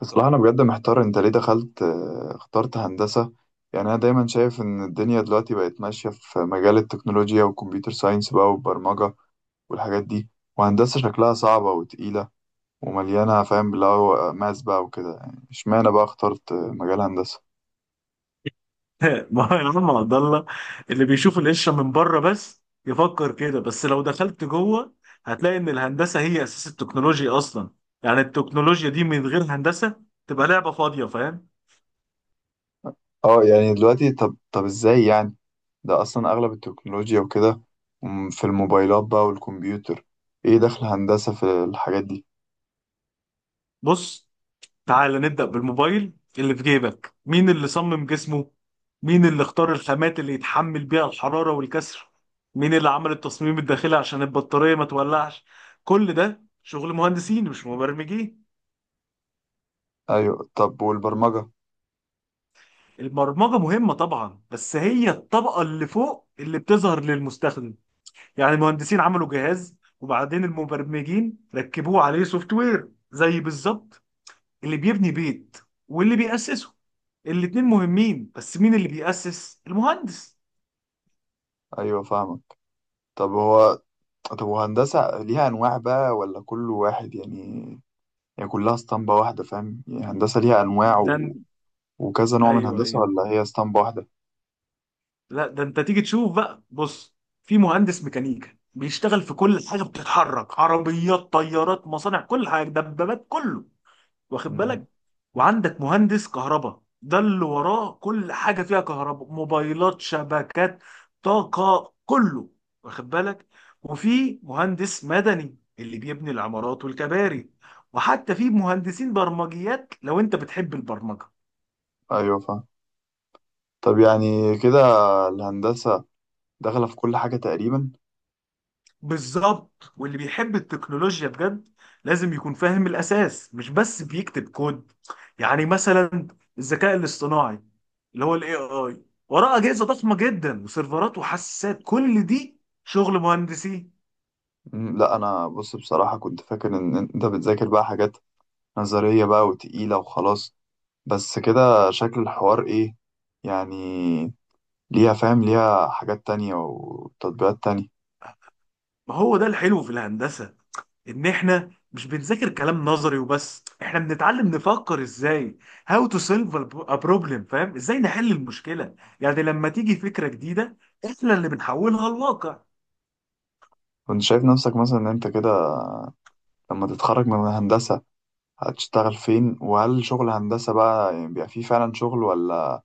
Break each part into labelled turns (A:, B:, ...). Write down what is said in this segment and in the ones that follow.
A: بصراحة، أنا بجد محتار. أنت ليه دخلت اخترت هندسة؟ يعني أنا دايما شايف إن الدنيا دلوقتي بقت ماشية في مجال التكنولوجيا والكمبيوتر ساينس بقى والبرمجة والحاجات دي. وهندسة شكلها صعبة وتقيلة ومليانة، فاهم؟ اللي هو ماس بقى وكده. يعني اشمعنى بقى اخترت مجال هندسة؟
B: ما هو يا عم عبد الله، اللي بيشوف القشره من بره بس يفكر كده. بس لو دخلت جوه هتلاقي ان الهندسه هي اساس التكنولوجيا اصلا. يعني التكنولوجيا دي من غير هندسه تبقى لعبه فاضيه، فاهم؟
A: اه، يعني دلوقتي. طب، ازاي يعني؟ ده أصلا أغلب التكنولوجيا وكده. في الموبايلات بقى والكمبيوتر. ايه دخل هندسة في الحاجات دي؟
B: بص، تعال نبدا بالموبايل اللي في جيبك. مين اللي صمم جسمه؟ مين اللي اختار الخامات اللي يتحمل بيها الحراره والكسر؟ مين اللي عمل التصميم الداخلي عشان البطاريه ما تولعش؟ كل ده شغل مهندسين مش مبرمجين.
A: أيوة. طب والبرمجة؟
B: البرمجة مهمة طبعا، بس هي الطبقة اللي فوق اللي بتظهر للمستخدم. يعني المهندسين عملوا جهاز وبعدين المبرمجين ركبوه عليه سوفت وير، زي بالظبط اللي بيبني بيت واللي بيأسسه. الاتنين مهمين، بس مين اللي بيأسس؟ المهندس.
A: أيوة فاهمك. طب هو طب وهندسة ليها أنواع بقى، ولا كل واحد يعني؟ يعني كلها اسطمبة واحدة، فاهم؟ يعني هندسة ليها أنواع
B: ده إن-
A: وكذا نوع من
B: ايوه
A: هندسة،
B: ايوه،
A: ولا هي اسطمبة واحدة؟
B: لا ده انت تيجي تشوف بقى. بص، في مهندس ميكانيكا بيشتغل في كل حاجة بتتحرك، عربيات، طيارات، مصانع، كل حاجة، دبابات، كله، واخد
A: مم.
B: بالك؟ وعندك مهندس كهرباء، ده اللي وراه كل حاجه فيها كهرباء، موبايلات، شبكات، طاقه، كله، واخد بالك؟ وفي مهندس مدني اللي بيبني العمارات والكباري، وحتى في مهندسين برمجيات لو انت بتحب البرمجه.
A: أيوة فاهم. طب يعني كده الهندسة داخلة في كل حاجة تقريبا.
B: بالظبط، واللي بيحب التكنولوجيا بجد لازم يكون فاهم الأساس، مش بس بيكتب كود. يعني مثلا الذكاء الاصطناعي، اللي هو الاي اي، وراه أجهزة ضخمة جدا وسيرفرات وحساسات، كل دي شغل مهندسين.
A: مم. لا، أنا بص. بصراحة كنت فاكر إن أنت بتذاكر بقى حاجات نظرية بقى وتقيلة وخلاص. بس كده شكل الحوار إيه يعني؟ ليها، فاهم، ليها حاجات تانية وتطبيقات تانية.
B: ما هو ده الحلو في الهندسة، إن إحنا مش بنذاكر كلام نظري وبس، إحنا بنتعلم نفكر إزاي. how to solve a problem، فاهم؟ إزاي نحل المشكلة. يعني لما تيجي فكرة جديدة، إحنا اللي بنحولها لواقع.
A: كنت شايف نفسك مثلا إن أنت كده لما تتخرج من هندسة هتشتغل فين؟ وهل شغل هندسة بقى يعني بيبقى فيه فعلا شغل، ولا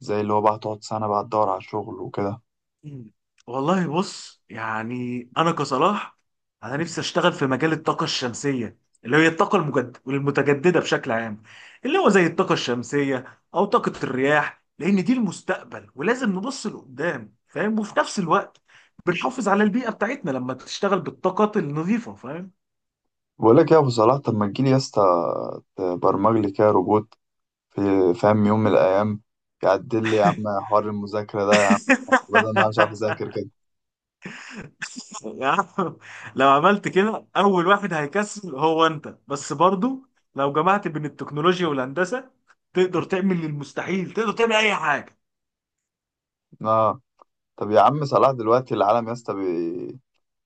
A: زي اللي هو بقى تقعد سنة بقى تدور على شغل وكده؟
B: مم. والله بص، يعني انا كصلاح، انا نفسي اشتغل في مجال الطاقه الشمسيه، اللي هي الطاقه المتجدده بشكل عام، اللي هو زي الطاقه الشمسيه او طاقه الرياح، لان دي المستقبل ولازم نبص لقدام، فاهم؟ وفي نفس الوقت بنحافظ على البيئه بتاعتنا لما تشتغل بالطاقات النظيفه، فاهم؟
A: بقولك يا أبو صلاح، طب ما تجيلي يا اسطى تبرمج لي كده روبوت في فاهم، يوم من الأيام يعدل لي يا عم حوار المذاكرة ده، يا عم بدل ما أنا مش عارف أذاكر كده.
B: يا عم، لو عملت كده اول واحد هيكسل هو انت بس برضو. لو جمعت بين التكنولوجيا والهندسه تقدر تعمل المستحيل، تقدر تعمل اي حاجه.
A: آه. طب يا عم صلاح، دلوقتي العالم يا اسطى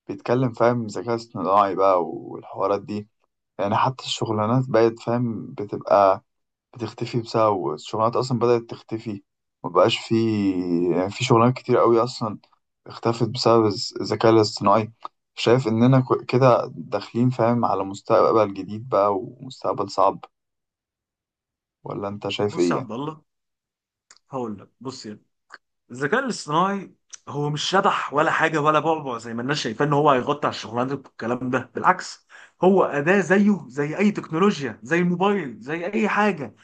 A: بيتكلم، فاهم، ذكاء اصطناعي بقى والحوارات دي. يعني حتى الشغلانات بقت، فاهم، بتبقى بتختفي والشغلانات اصلا بدأت تختفي. مبقاش في. يعني في شغلانات كتير قوي اصلا اختفت بسبب الذكاء الاصطناعي. شايف اننا كده داخلين، فاهم، على مستقبل جديد بقى ومستقبل صعب. ولا انت شايف
B: بص
A: ايه
B: يا
A: يعني؟
B: عبد الله، هقول لك. بص يعني، الذكاء الاصطناعي هو مش شبح ولا حاجه ولا بعبع زي ما الناس شايفاه ان هو هيغطي على الشغلانات والكلام ده. بالعكس، هو اداه زيه زي اي تكنولوجيا، زي الموبايل، زي اي حاجه.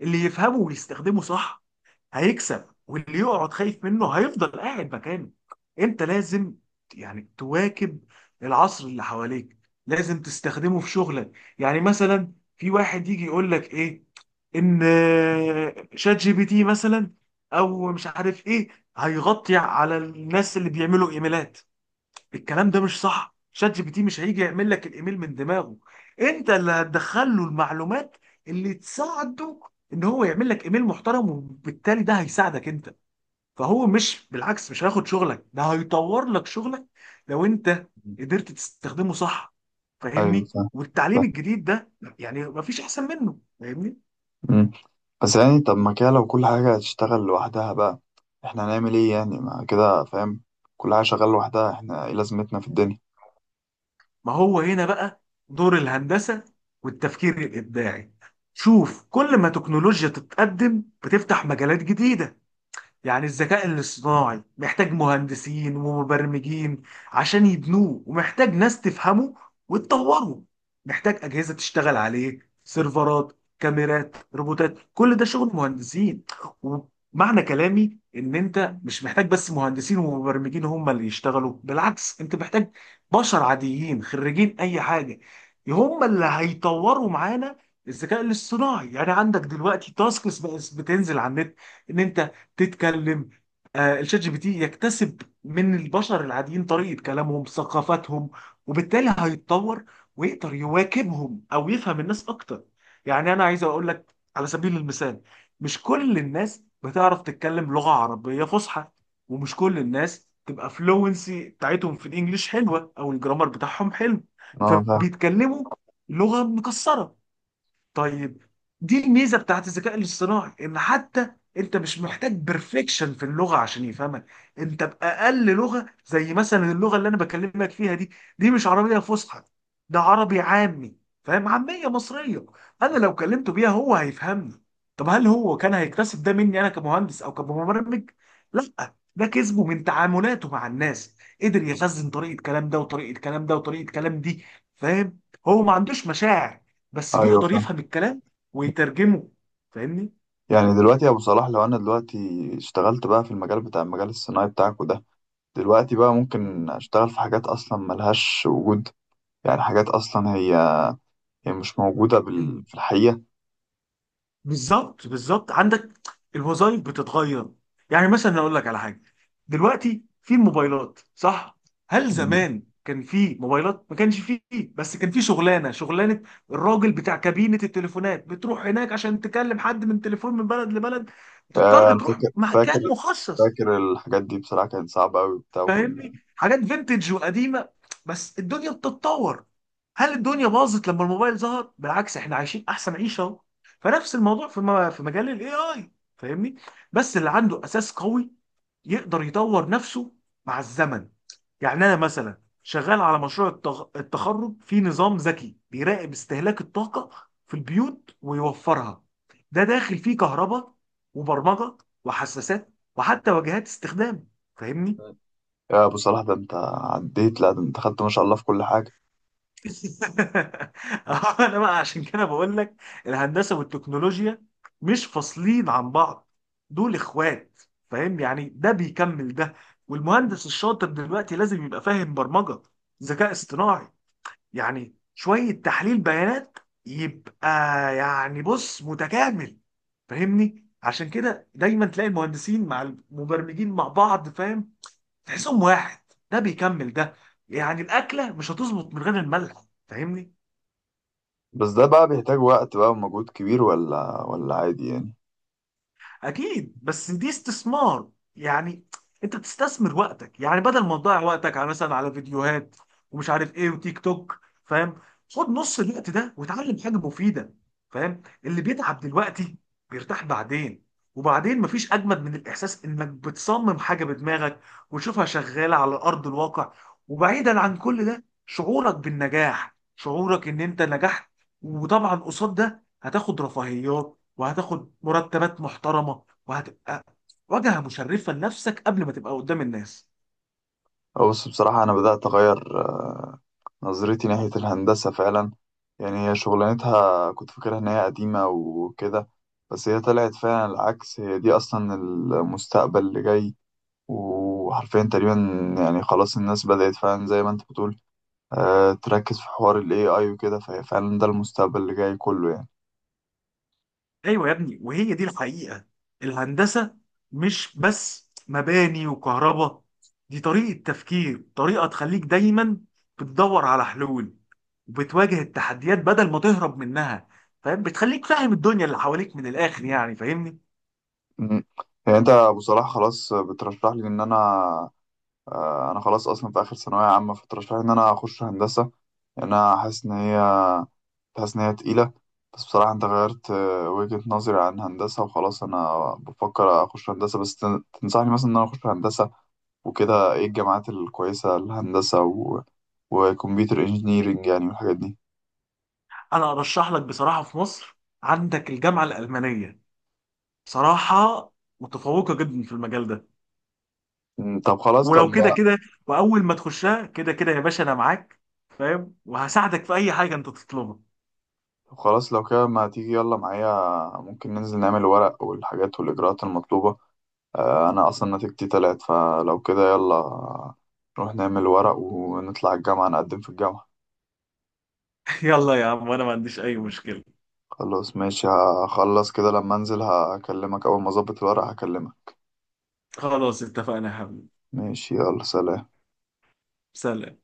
B: اللي يفهمه ويستخدمه صح هيكسب، واللي يقعد خايف منه هيفضل قاعد مكانه. انت لازم يعني تواكب العصر اللي حواليك، لازم تستخدمه في شغلك. يعني مثلا في واحد يجي يقول لك ايه، ان شات جي بي تي مثلا او مش عارف ايه هيغطي على الناس اللي بيعملوا ايميلات. الكلام ده مش صح، شات جي بي تي مش هيجي يعمل لك الايميل من دماغه، انت اللي هتدخل له المعلومات اللي تساعده ان هو يعمل لك ايميل محترم، وبالتالي ده هيساعدك انت. فهو مش بالعكس، مش هياخد شغلك، ده هيطور لك شغلك لو انت
A: مم.
B: قدرت تستخدمه صح،
A: ايوه
B: فاهمني؟
A: فاهم.
B: والتعليم
A: فاهم.
B: الجديد ده يعني مفيش احسن منه، فاهمني؟
A: مم. بس يعني، طب ما كده لو كل حاجة هتشتغل لوحدها بقى، احنا هنعمل ايه يعني؟ ما كده، فاهم، كل حاجة شغالة لوحدها، احنا ايه لازمتنا في الدنيا؟
B: ما هو هنا بقى دور الهندسة والتفكير الابداعي. شوف، كل ما تكنولوجيا تتقدم بتفتح مجالات جديدة. يعني الذكاء الاصطناعي محتاج مهندسين ومبرمجين عشان يبنوه، ومحتاج ناس تفهمه وتطوره، محتاج أجهزة تشتغل عليه، سيرفرات، كاميرات، روبوتات، كل ده شغل مهندسين. ومعنى كلامي ان انت مش محتاج بس مهندسين ومبرمجين هم اللي يشتغلوا، بالعكس، انت محتاج بشر عاديين خريجين اي حاجة، هم اللي هيطوروا معانا الذكاء الاصطناعي. يعني عندك دلوقتي تاسكس بقت بتنزل على النت ان انت تتكلم، الشات جي بي تي يكتسب من البشر العاديين طريقة كلامهم، ثقافاتهم، وبالتالي هيتطور ويقدر يواكبهم او يفهم الناس اكتر. يعني انا عايز اقول لك على سبيل المثال، مش كل الناس بتعرف تتكلم لغة عربية فصحى، ومش كل الناس تبقى فلوينسي بتاعتهم في الانجليش حلوة او الجرامر بتاعهم حلو،
A: اه فاهم.
B: فبيتكلموا لغة مكسرة. طيب، دي الميزه بتاعت الذكاء الاصطناعي، ان حتى انت مش محتاج بيرفكشن في اللغه عشان يفهمك. انت باقل لغه، زي مثلا اللغه اللي انا بكلمك فيها دي، دي مش عربيه فصحى، ده عربي عامي، فاهم؟ عاميه مصريه، انا لو كلمته بيها هو هيفهمني. طب هل هو كان هيكتسب ده مني انا كمهندس او كمبرمج؟ لا، ده كسبه من تعاملاته مع الناس، قدر يخزن طريقه كلام ده وطريقه كلام ده وطريقه كلام دي، فاهم؟ هو ما عندوش مشاعر بس
A: ايوه
B: بيقدر
A: فاهم.
B: يفهم الكلام ويترجمه، فاهمني؟
A: يعني دلوقتي يا ابو صلاح، لو انا دلوقتي اشتغلت بقى في المجال الصناعي بتاعك وده، دلوقتي بقى
B: مم.
A: ممكن اشتغل في حاجات اصلا ملهاش وجود. يعني حاجات اصلا هي مش موجودة
B: مم.
A: في الحقيقة.
B: بالظبط بالظبط. عندك الوظائف بتتغير. يعني مثلا اقول لك على حاجه، دلوقتي في الموبايلات صح؟ هل
A: مم.
B: زمان كان في موبايلات؟ ما كانش فيه، بس كان في شغلانه، شغلانه الراجل بتاع كابينه التليفونات، بتروح هناك عشان تكلم حد من تليفون من بلد لبلد،
A: آه،
B: تضطر
A: انا
B: تروح
A: فاكر فاكر
B: مكان مخصص،
A: فاكر الحاجات دي، بصراحة كانت صعبة قوي وبتاع وكنا.
B: فاهمني؟ حاجات فينتج وقديمه، بس الدنيا بتتطور. هل الدنيا باظت لما الموبايل ظهر؟ بالعكس، احنا عايشين احسن عيشه اهو. فنفس الموضوع في في مجال الاي اي، فاهمني؟ بس اللي عنده اساس قوي يقدر يطور نفسه مع الزمن. يعني انا مثلا شغال على مشروع التخرج في نظام ذكي بيراقب استهلاك الطاقه في البيوت ويوفرها. ده داخل فيه كهرباء وبرمجه وحساسات وحتى واجهات استخدام، فاهمني؟
A: يا ابو صلاح، ده انت عديت، لا ده انت خدت ما شاء الله في كل حاجة.
B: اه، انا بقى عشان كده بقول لك، الهندسه والتكنولوجيا مش فاصلين عن بعض، دول اخوات، فاهم؟ يعني ده بيكمل ده. والمهندس الشاطر دلوقتي لازم يبقى فاهم برمجه، ذكاء اصطناعي، يعني شويه تحليل بيانات، يبقى يعني بص متكامل، فاهمني؟ عشان كده دايما تلاقي المهندسين مع المبرمجين مع بعض، فاهم؟ تحسهم واحد، ده بيكمل ده. يعني الاكله مش هتظبط من غير الملح، فاهمني؟
A: بس ده بقى بيحتاج وقت بقى ومجهود كبير، ولا عادي يعني؟
B: اكيد، بس دي استثمار. يعني انت بتستثمر وقتك، يعني بدل ما تضيع وقتك على مثلا على فيديوهات ومش عارف ايه وتيك توك، فاهم؟ خد نص الوقت ده وتعلم حاجه مفيده. فاهم؟ اللي بيتعب دلوقتي بيرتاح بعدين. وبعدين مفيش اجمد من الاحساس انك بتصمم حاجه بدماغك وتشوفها شغاله على ارض الواقع. وبعيدا عن كل ده، شعورك بالنجاح، شعورك ان انت نجحت. وطبعا قصاد ده هتاخد رفاهيات وهتاخد مرتبات محترمه وهتبقى واجهه مشرفه لنفسك قبل ما تبقى قدام الناس.
A: بص، بصراحة انا بدأت اغير نظرتي ناحية الهندسة فعلا. يعني هي شغلانتها كنت فاكرها إن هي قديمة وكده، بس هي طلعت فعلا العكس، هي دي أصلا المستقبل اللي جاي، وحرفيا تقريبا. يعني خلاص الناس بدأت فعلا زي ما أنت بتقول، تركز في حوار ال AI وكده، فهي فعلا ده المستقبل اللي جاي كله يعني.
B: ايوه يا ابني، وهي دي الحقيقه. الهندسه مش بس مباني وكهرباء، دي طريقه تفكير، طريقه تخليك دايما بتدور على حلول وبتواجه التحديات بدل ما تهرب منها، فاهم؟ بتخليك فاهم الدنيا اللي حواليك من الاخر، يعني فاهمني؟
A: مم. يعني أنت أبو صلاح، خلاص بترشح لي إن أنا خلاص أصلا في آخر ثانوية عامة، فترشح لي إن أنا أخش هندسة. يعني انا حاسس ان هي تقيله. بس بصراحه انت غيرت وجهه نظري عن هندسه وخلاص، انا بفكر اخش هندسه، بس تنصحني مثلا ان انا اخش هندسه وكده؟ ايه الجامعات الكويسه للهندسه وكمبيوتر انجينيرنج يعني والحاجات دي؟
B: انا ارشح لك بصراحه في مصر عندك الجامعه الالمانيه، بصراحه متفوقه جدا في المجال ده.
A: مم، طب خلاص طب
B: ولو كده
A: ما
B: كده واول ما تخشها، كده كده يا باشا انا معاك، فاهم؟ وهساعدك في اي حاجه انت تطلبها.
A: طب خلاص لو كده ما تيجي يلا معايا. ممكن ننزل نعمل ورق والحاجات والاجراءات المطلوبه. آه، انا اصلا نتيجتي تلات، فلو كده يلا نروح نعمل ورق ونطلع الجامعه نقدم في الجامعه.
B: يلا يا عم، وانا ما عنديش اي مشكله.
A: خلاص ماشي. هخلص كده، لما انزل هكلمك. اول ما اظبط الورق هكلمك.
B: خلاص اتفقنا يا حبيبي.
A: ماشي، يلا سلام.
B: سلام.